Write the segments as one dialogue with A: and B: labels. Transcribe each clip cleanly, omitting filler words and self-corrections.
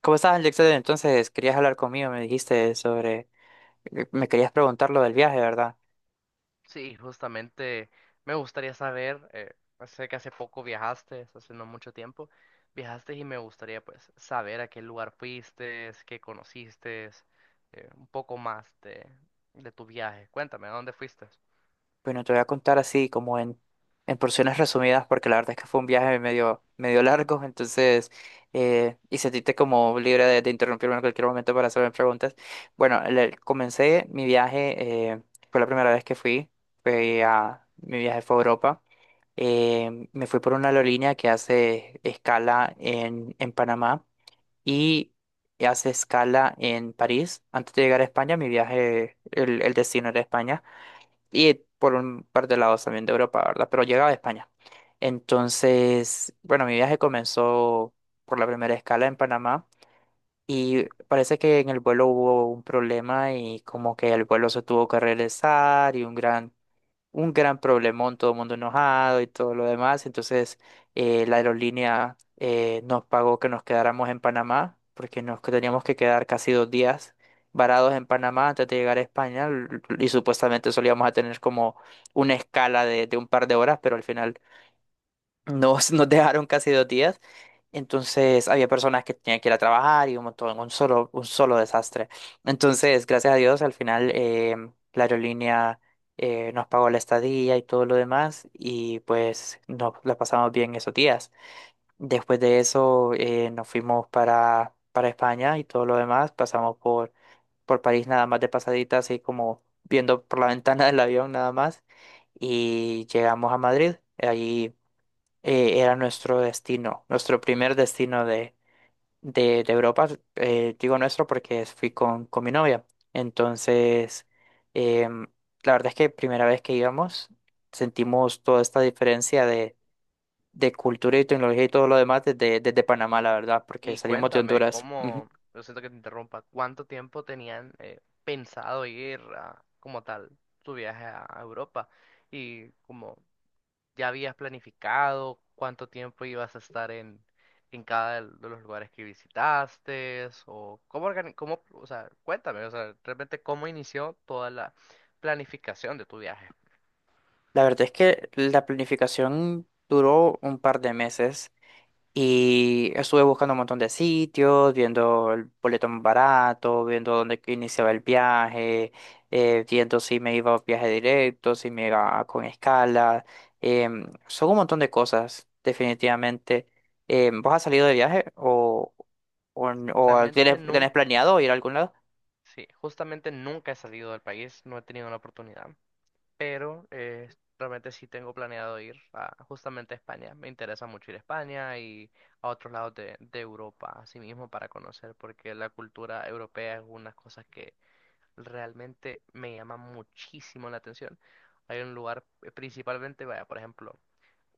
A: ¿Cómo estás, Alexander? Entonces, querías hablar conmigo, me dijiste sobre, me querías preguntar lo del viaje, ¿verdad?
B: Sí, justamente me gustaría saber, pues, sé que hace poco viajaste, hace no mucho tiempo, viajaste y me gustaría pues saber a qué lugar fuiste, qué conociste, un poco más de tu viaje. Cuéntame, ¿a dónde fuiste?
A: Bueno, te voy a contar así como en porciones resumidas, porque la verdad es que fue un viaje medio largo, entonces, y sentiste como libre de interrumpirme en cualquier momento para hacerme preguntas. Bueno, comencé mi viaje, fue la primera vez que mi viaje fue a Europa. Me fui por una aerolínea que hace escala en Panamá y hace escala en París. Antes de llegar a España, mi viaje, el destino era España y por un par de lados también de Europa, ¿verdad? Pero llegaba a España. Entonces, bueno, mi viaje comenzó por la primera escala en Panamá y parece que en el vuelo hubo un problema y como que el vuelo se tuvo que regresar y un gran problemón, todo el mundo enojado y todo lo demás. Entonces, la aerolínea nos pagó que nos quedáramos en Panamá, porque teníamos que quedar casi dos días varados en Panamá antes de llegar a España y supuestamente solíamos a tener como una escala de un par de horas, pero al final nos dejaron casi dos días. Entonces había personas que tenían que ir a trabajar y un montón, un solo desastre. Entonces, gracias a Dios, al final la aerolínea nos pagó la estadía y todo lo demás y pues nos la pasamos bien esos días. Después de eso nos fuimos para España y todo lo demás. Pasamos por París nada más de pasadita, así como viendo por la ventana del avión nada más y llegamos a Madrid. Allí era nuestro destino, nuestro primer destino de Europa. Digo nuestro porque fui con mi novia. Entonces, em, la verdad es que primera vez que íbamos, sentimos toda esta diferencia de cultura y tecnología y todo lo demás desde Panamá, la verdad, porque
B: Y
A: salimos de
B: cuéntame
A: Honduras. Ujú.
B: cómo, lo siento que te interrumpa, ¿cuánto tiempo tenían pensado ir a, como tal tu viaje a Europa? Y como ¿ya habías planificado cuánto tiempo ibas a estar en cada de los lugares que visitaste? ¿O cómo, cómo, o sea, cuéntame, o sea, realmente cómo inició toda la planificación de tu viaje?
A: La verdad es que la planificación duró un par de meses. Y estuve buscando un montón de sitios, viendo el boleto más barato, viendo dónde que iniciaba el viaje, viendo si me iba a viaje directo, si me iba con escala. Em, son un montón de cosas, definitivamente. ¿Vos has salido de viaje o
B: Realmente
A: tienes, tenés
B: nunca,
A: planeado ir a algún lado?
B: sí, justamente nunca he salido del país, no he tenido la oportunidad, pero realmente sí tengo planeado ir a, justamente a España. Me interesa mucho ir a España y a otros lados de Europa, así mismo, para conocer, porque la cultura europea es una cosa que realmente me llama muchísimo la atención. Hay un lugar, principalmente, vaya, por ejemplo,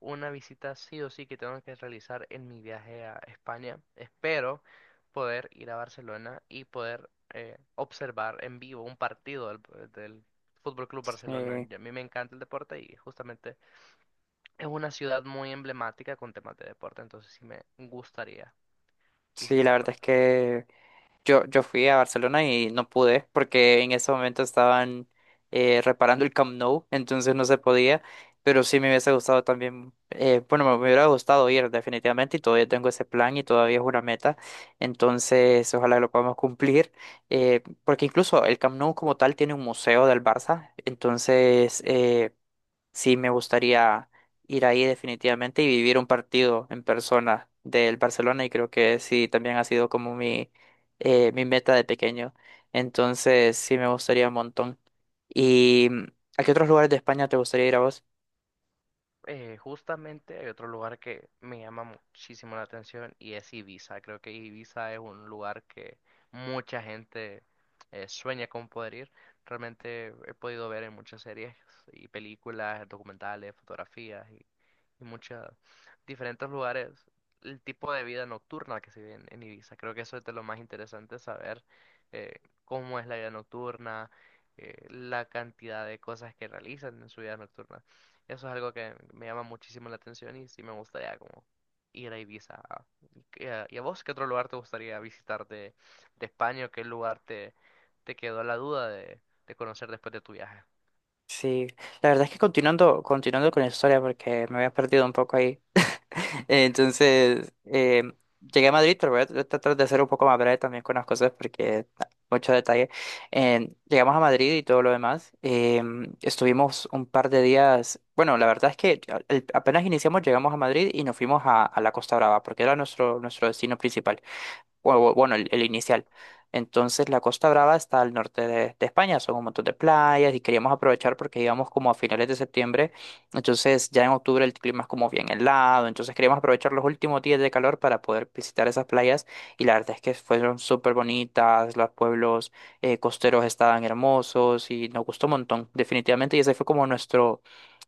B: una visita sí o sí que tengo que realizar en mi viaje a España. Espero poder ir a Barcelona y poder observar en vivo un partido del, del Fútbol Club Barcelona.
A: Eh,
B: Y a mí me encanta el deporte y justamente es una ciudad muy emblemática con temas de deporte, entonces sí me gustaría
A: sí, la verdad
B: visitarlo.
A: es que yo fui a Barcelona y no pude porque en ese momento estaban reparando el Camp Nou, entonces no se podía, pero sí me hubiese gustado también, bueno, me hubiera gustado ir definitivamente y todavía tengo ese plan y todavía es una meta, entonces ojalá lo podamos cumplir, porque incluso el Camp Nou como tal tiene un museo del Barça, entonces, sí me gustaría ir ahí definitivamente y vivir un partido en persona del Barcelona y creo que sí también ha sido como mi, mi meta de pequeño. Entonces sí me gustaría un montón. ¿Y a qué otros lugares de España te gustaría ir a vos?
B: Justamente hay otro lugar que me llama muchísimo la atención y es Ibiza. Creo que Ibiza es un lugar que mucha gente sueña con poder ir. Realmente he podido ver en muchas series y películas, documentales, fotografías y muchos diferentes lugares el tipo de vida nocturna que se vive en Ibiza. Creo que eso es de lo más interesante, saber eh, cómo es la vida nocturna, la cantidad de cosas que realizan en su vida nocturna. Eso es algo que me llama muchísimo la atención y sí me gustaría como ir a Ibiza. ¿Y a vos qué otro lugar te gustaría visitar de España o qué lugar te, te quedó la duda de conocer después de tu viaje?
A: Sí, la verdad es que continuando con la historia, porque me había perdido un poco ahí. Entonces, llegué a Madrid, pero voy a tratar de ser un poco más breve también con las cosas, porque ah, mucho detalle. Llegamos a Madrid y todo lo demás. Estuvimos un par de días. Bueno, la verdad es que apenas iniciamos, llegamos a Madrid y nos fuimos a la Costa Brava, porque era nuestro destino principal bueno, el inicial. Entonces la Costa Brava está al norte de España, son un montón de playas y queríamos aprovechar porque íbamos como a finales de septiembre, entonces ya en octubre el clima es como bien helado, entonces queríamos aprovechar los últimos días de calor para poder visitar esas playas y la verdad es que fueron súper bonitas, los pueblos costeros estaban hermosos y nos gustó un montón, definitivamente, y ese fue como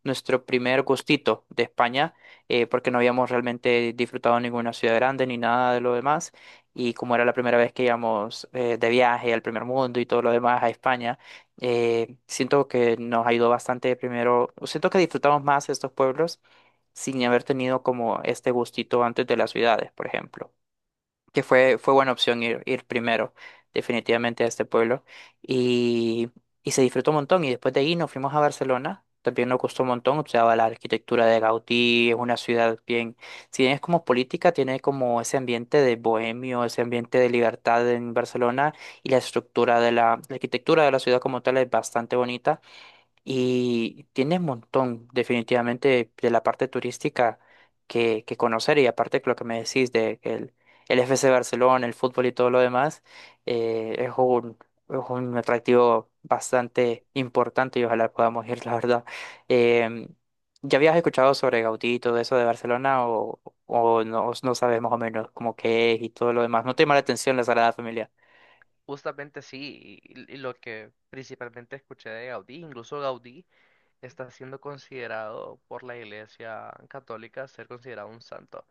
A: nuestro primer gustito de España porque no habíamos realmente disfrutado ninguna ciudad grande ni nada de lo demás y como era la primera vez que íbamos de viaje al primer mundo y todo lo demás a España, siento que nos ayudó bastante primero, siento que disfrutamos más estos pueblos sin haber tenido como este gustito antes de las ciudades, por ejemplo que fue buena opción ir primero, definitivamente a este pueblo. Y, y se disfrutó un montón. Y después de ahí nos fuimos a Barcelona. También nos costó un montón, observaba la arquitectura de Gaudí, es una ciudad bien, si bien es como política, tiene como ese ambiente de bohemio, ese ambiente de libertad en Barcelona y la estructura de la arquitectura de la ciudad como tal es bastante bonita. Y tiene un montón, definitivamente, de la parte turística que conocer. Y aparte, lo que me decís de que el FC Barcelona, el fútbol y todo lo demás, es es un atractivo bastante importante y ojalá podamos ir, la verdad. Em, ¿Ya habías escuchado sobre Gaudí y todo eso de Barcelona o no, no sabes más o menos cómo qué es y todo lo demás? ¿No te
B: Mm,
A: llama la atención la Sagrada Familia?
B: justamente sí, y lo que principalmente escuché de Gaudí, incluso Gaudí está siendo considerado por la Iglesia Católica ser considerado un santo,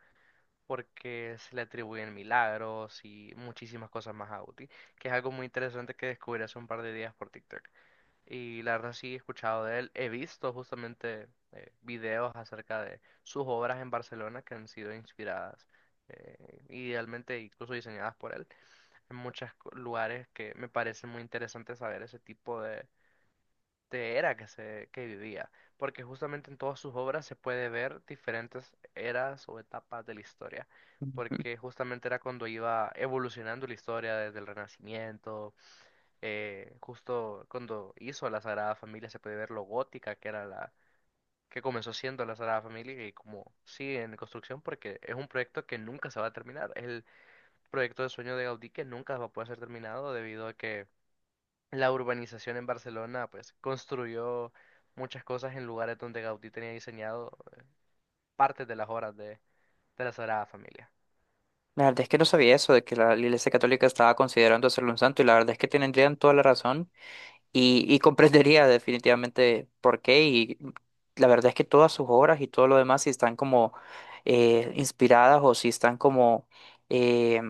B: porque se le atribuyen milagros y muchísimas cosas más a Gaudí, que es algo muy interesante que descubrí hace un par de días por TikTok. Y la verdad sí he escuchado de él. He visto justamente videos acerca de sus obras en Barcelona que han sido inspiradas, idealmente incluso diseñadas por él en muchos lugares que me parece muy interesante saber ese tipo de era que se que vivía. Porque justamente en todas sus obras se puede ver diferentes eras o etapas de la historia. Porque justamente era cuando iba evolucionando la historia desde el Renacimiento justo cuando hizo la Sagrada Familia se puede ver lo gótica que era la que comenzó siendo la Sagrada Familia y como sigue en construcción porque es un proyecto que nunca se va a terminar. Es el proyecto de sueño de Gaudí que nunca va a poder ser terminado debido a que la urbanización en Barcelona pues construyó muchas cosas en lugares donde Gaudí tenía diseñado partes de las obras de la Sagrada Familia.
A: La verdad es que no sabía eso, de que la Iglesia Católica estaba considerando hacerlo un santo, y la verdad es que tendrían toda la razón comprendería definitivamente por qué. Y la verdad es que todas sus obras y todo lo demás, si están como inspiradas o si están como eh,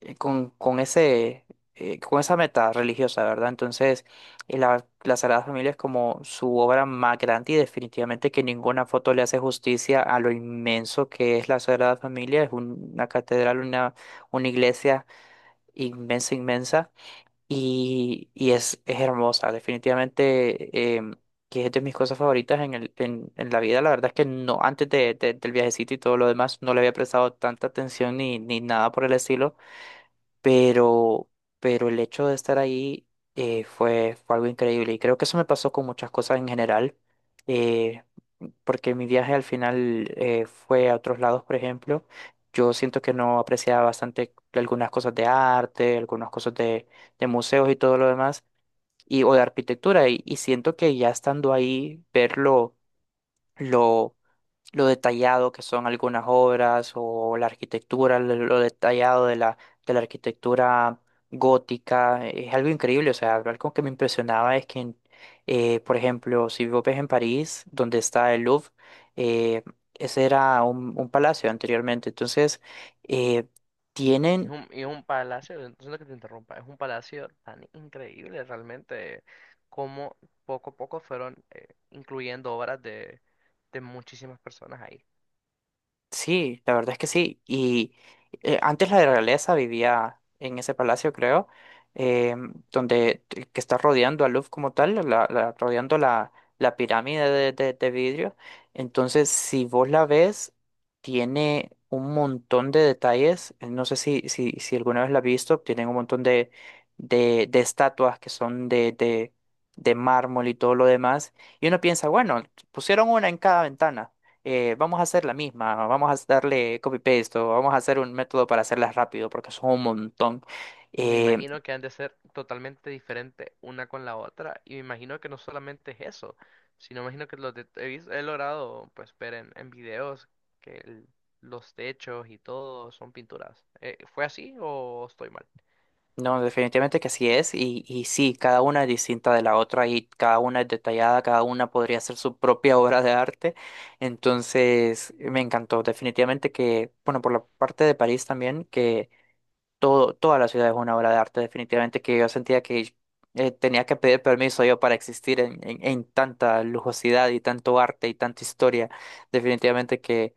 A: con ese, con esa meta religiosa, ¿verdad? Entonces, la Sagrada Familia es como su obra más grande y definitivamente que ninguna foto le hace justicia a lo inmenso que es la Sagrada Familia. Es una catedral, una iglesia inmensa, inmensa y es hermosa, definitivamente. Em, Que es de mis cosas favoritas en, el, en la vida. La verdad es que no, antes del viajecito y todo lo demás, no le había prestado tanta atención ni nada por el estilo pero, pero el hecho de estar ahí fue algo increíble y creo que eso me pasó con muchas cosas en general, eh, porque mi viaje al final fue a otros lados, por ejemplo, yo siento que no apreciaba bastante algunas cosas de arte, algunas cosas de museos y todo lo demás, y, o de arquitectura, y siento que ya estando ahí, verlo lo detallado que son algunas obras o la arquitectura, lo detallado de la arquitectura gótica, es algo increíble. O sea, algo que me impresionaba es que, por ejemplo, si vos ves en París, donde está el Louvre, eh, ese era un palacio anteriormente. Entonces, eh, tienen
B: Es un palacio, lo siento que te interrumpa, es un palacio tan increíble realmente como poco a poco fueron incluyendo obras de muchísimas personas ahí.
A: sí, la verdad es que sí. Y antes la realeza vivía en ese palacio, creo, donde que está rodeando a Louvre como tal, rodeando la pirámide de vidrio. Entonces, si vos la ves, tiene un montón de detalles. No sé si alguna vez la has visto, tienen un montón de estatuas que son de mármol y todo lo demás. Y uno piensa, bueno, pusieron una en cada ventana, vamos a hacer la misma, vamos a darle copy-paste o vamos a hacer un método para hacerlas rápido porque son un montón.
B: Y me
A: Eh,
B: imagino que han de ser totalmente diferentes una con la otra. Y me imagino que no solamente es eso, sino me imagino que los he logrado pues ver en videos que los techos y todo son pinturas. ¿Fue así o estoy mal?
A: no, definitivamente que así es y sí, cada una es distinta de la otra y cada una es detallada, cada una podría ser su propia obra de arte. Entonces, me encantó, definitivamente que, bueno, por la parte de París también, que todo, toda la ciudad es una obra de arte, definitivamente, que yo sentía que tenía que pedir permiso yo para existir en, en tanta lujosidad y tanto arte y tanta historia. Definitivamente que,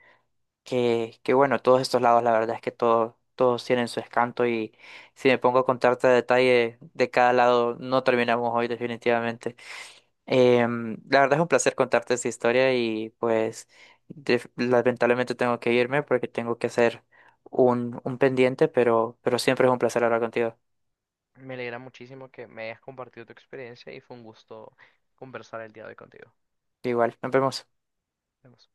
A: que, que bueno, todos estos lados, la verdad es que todo, todos tienen su escanto y si me pongo a contarte a detalle de cada lado, no terminamos hoy, definitivamente. La verdad es un placer contarte esta historia y pues lamentablemente tengo que irme porque tengo que hacer un pendiente, pero siempre es un placer hablar contigo.
B: Me alegra muchísimo que me hayas compartido tu experiencia y fue un gusto conversar el día de hoy contigo. Nos
A: Igual, nos vemos.
B: vemos.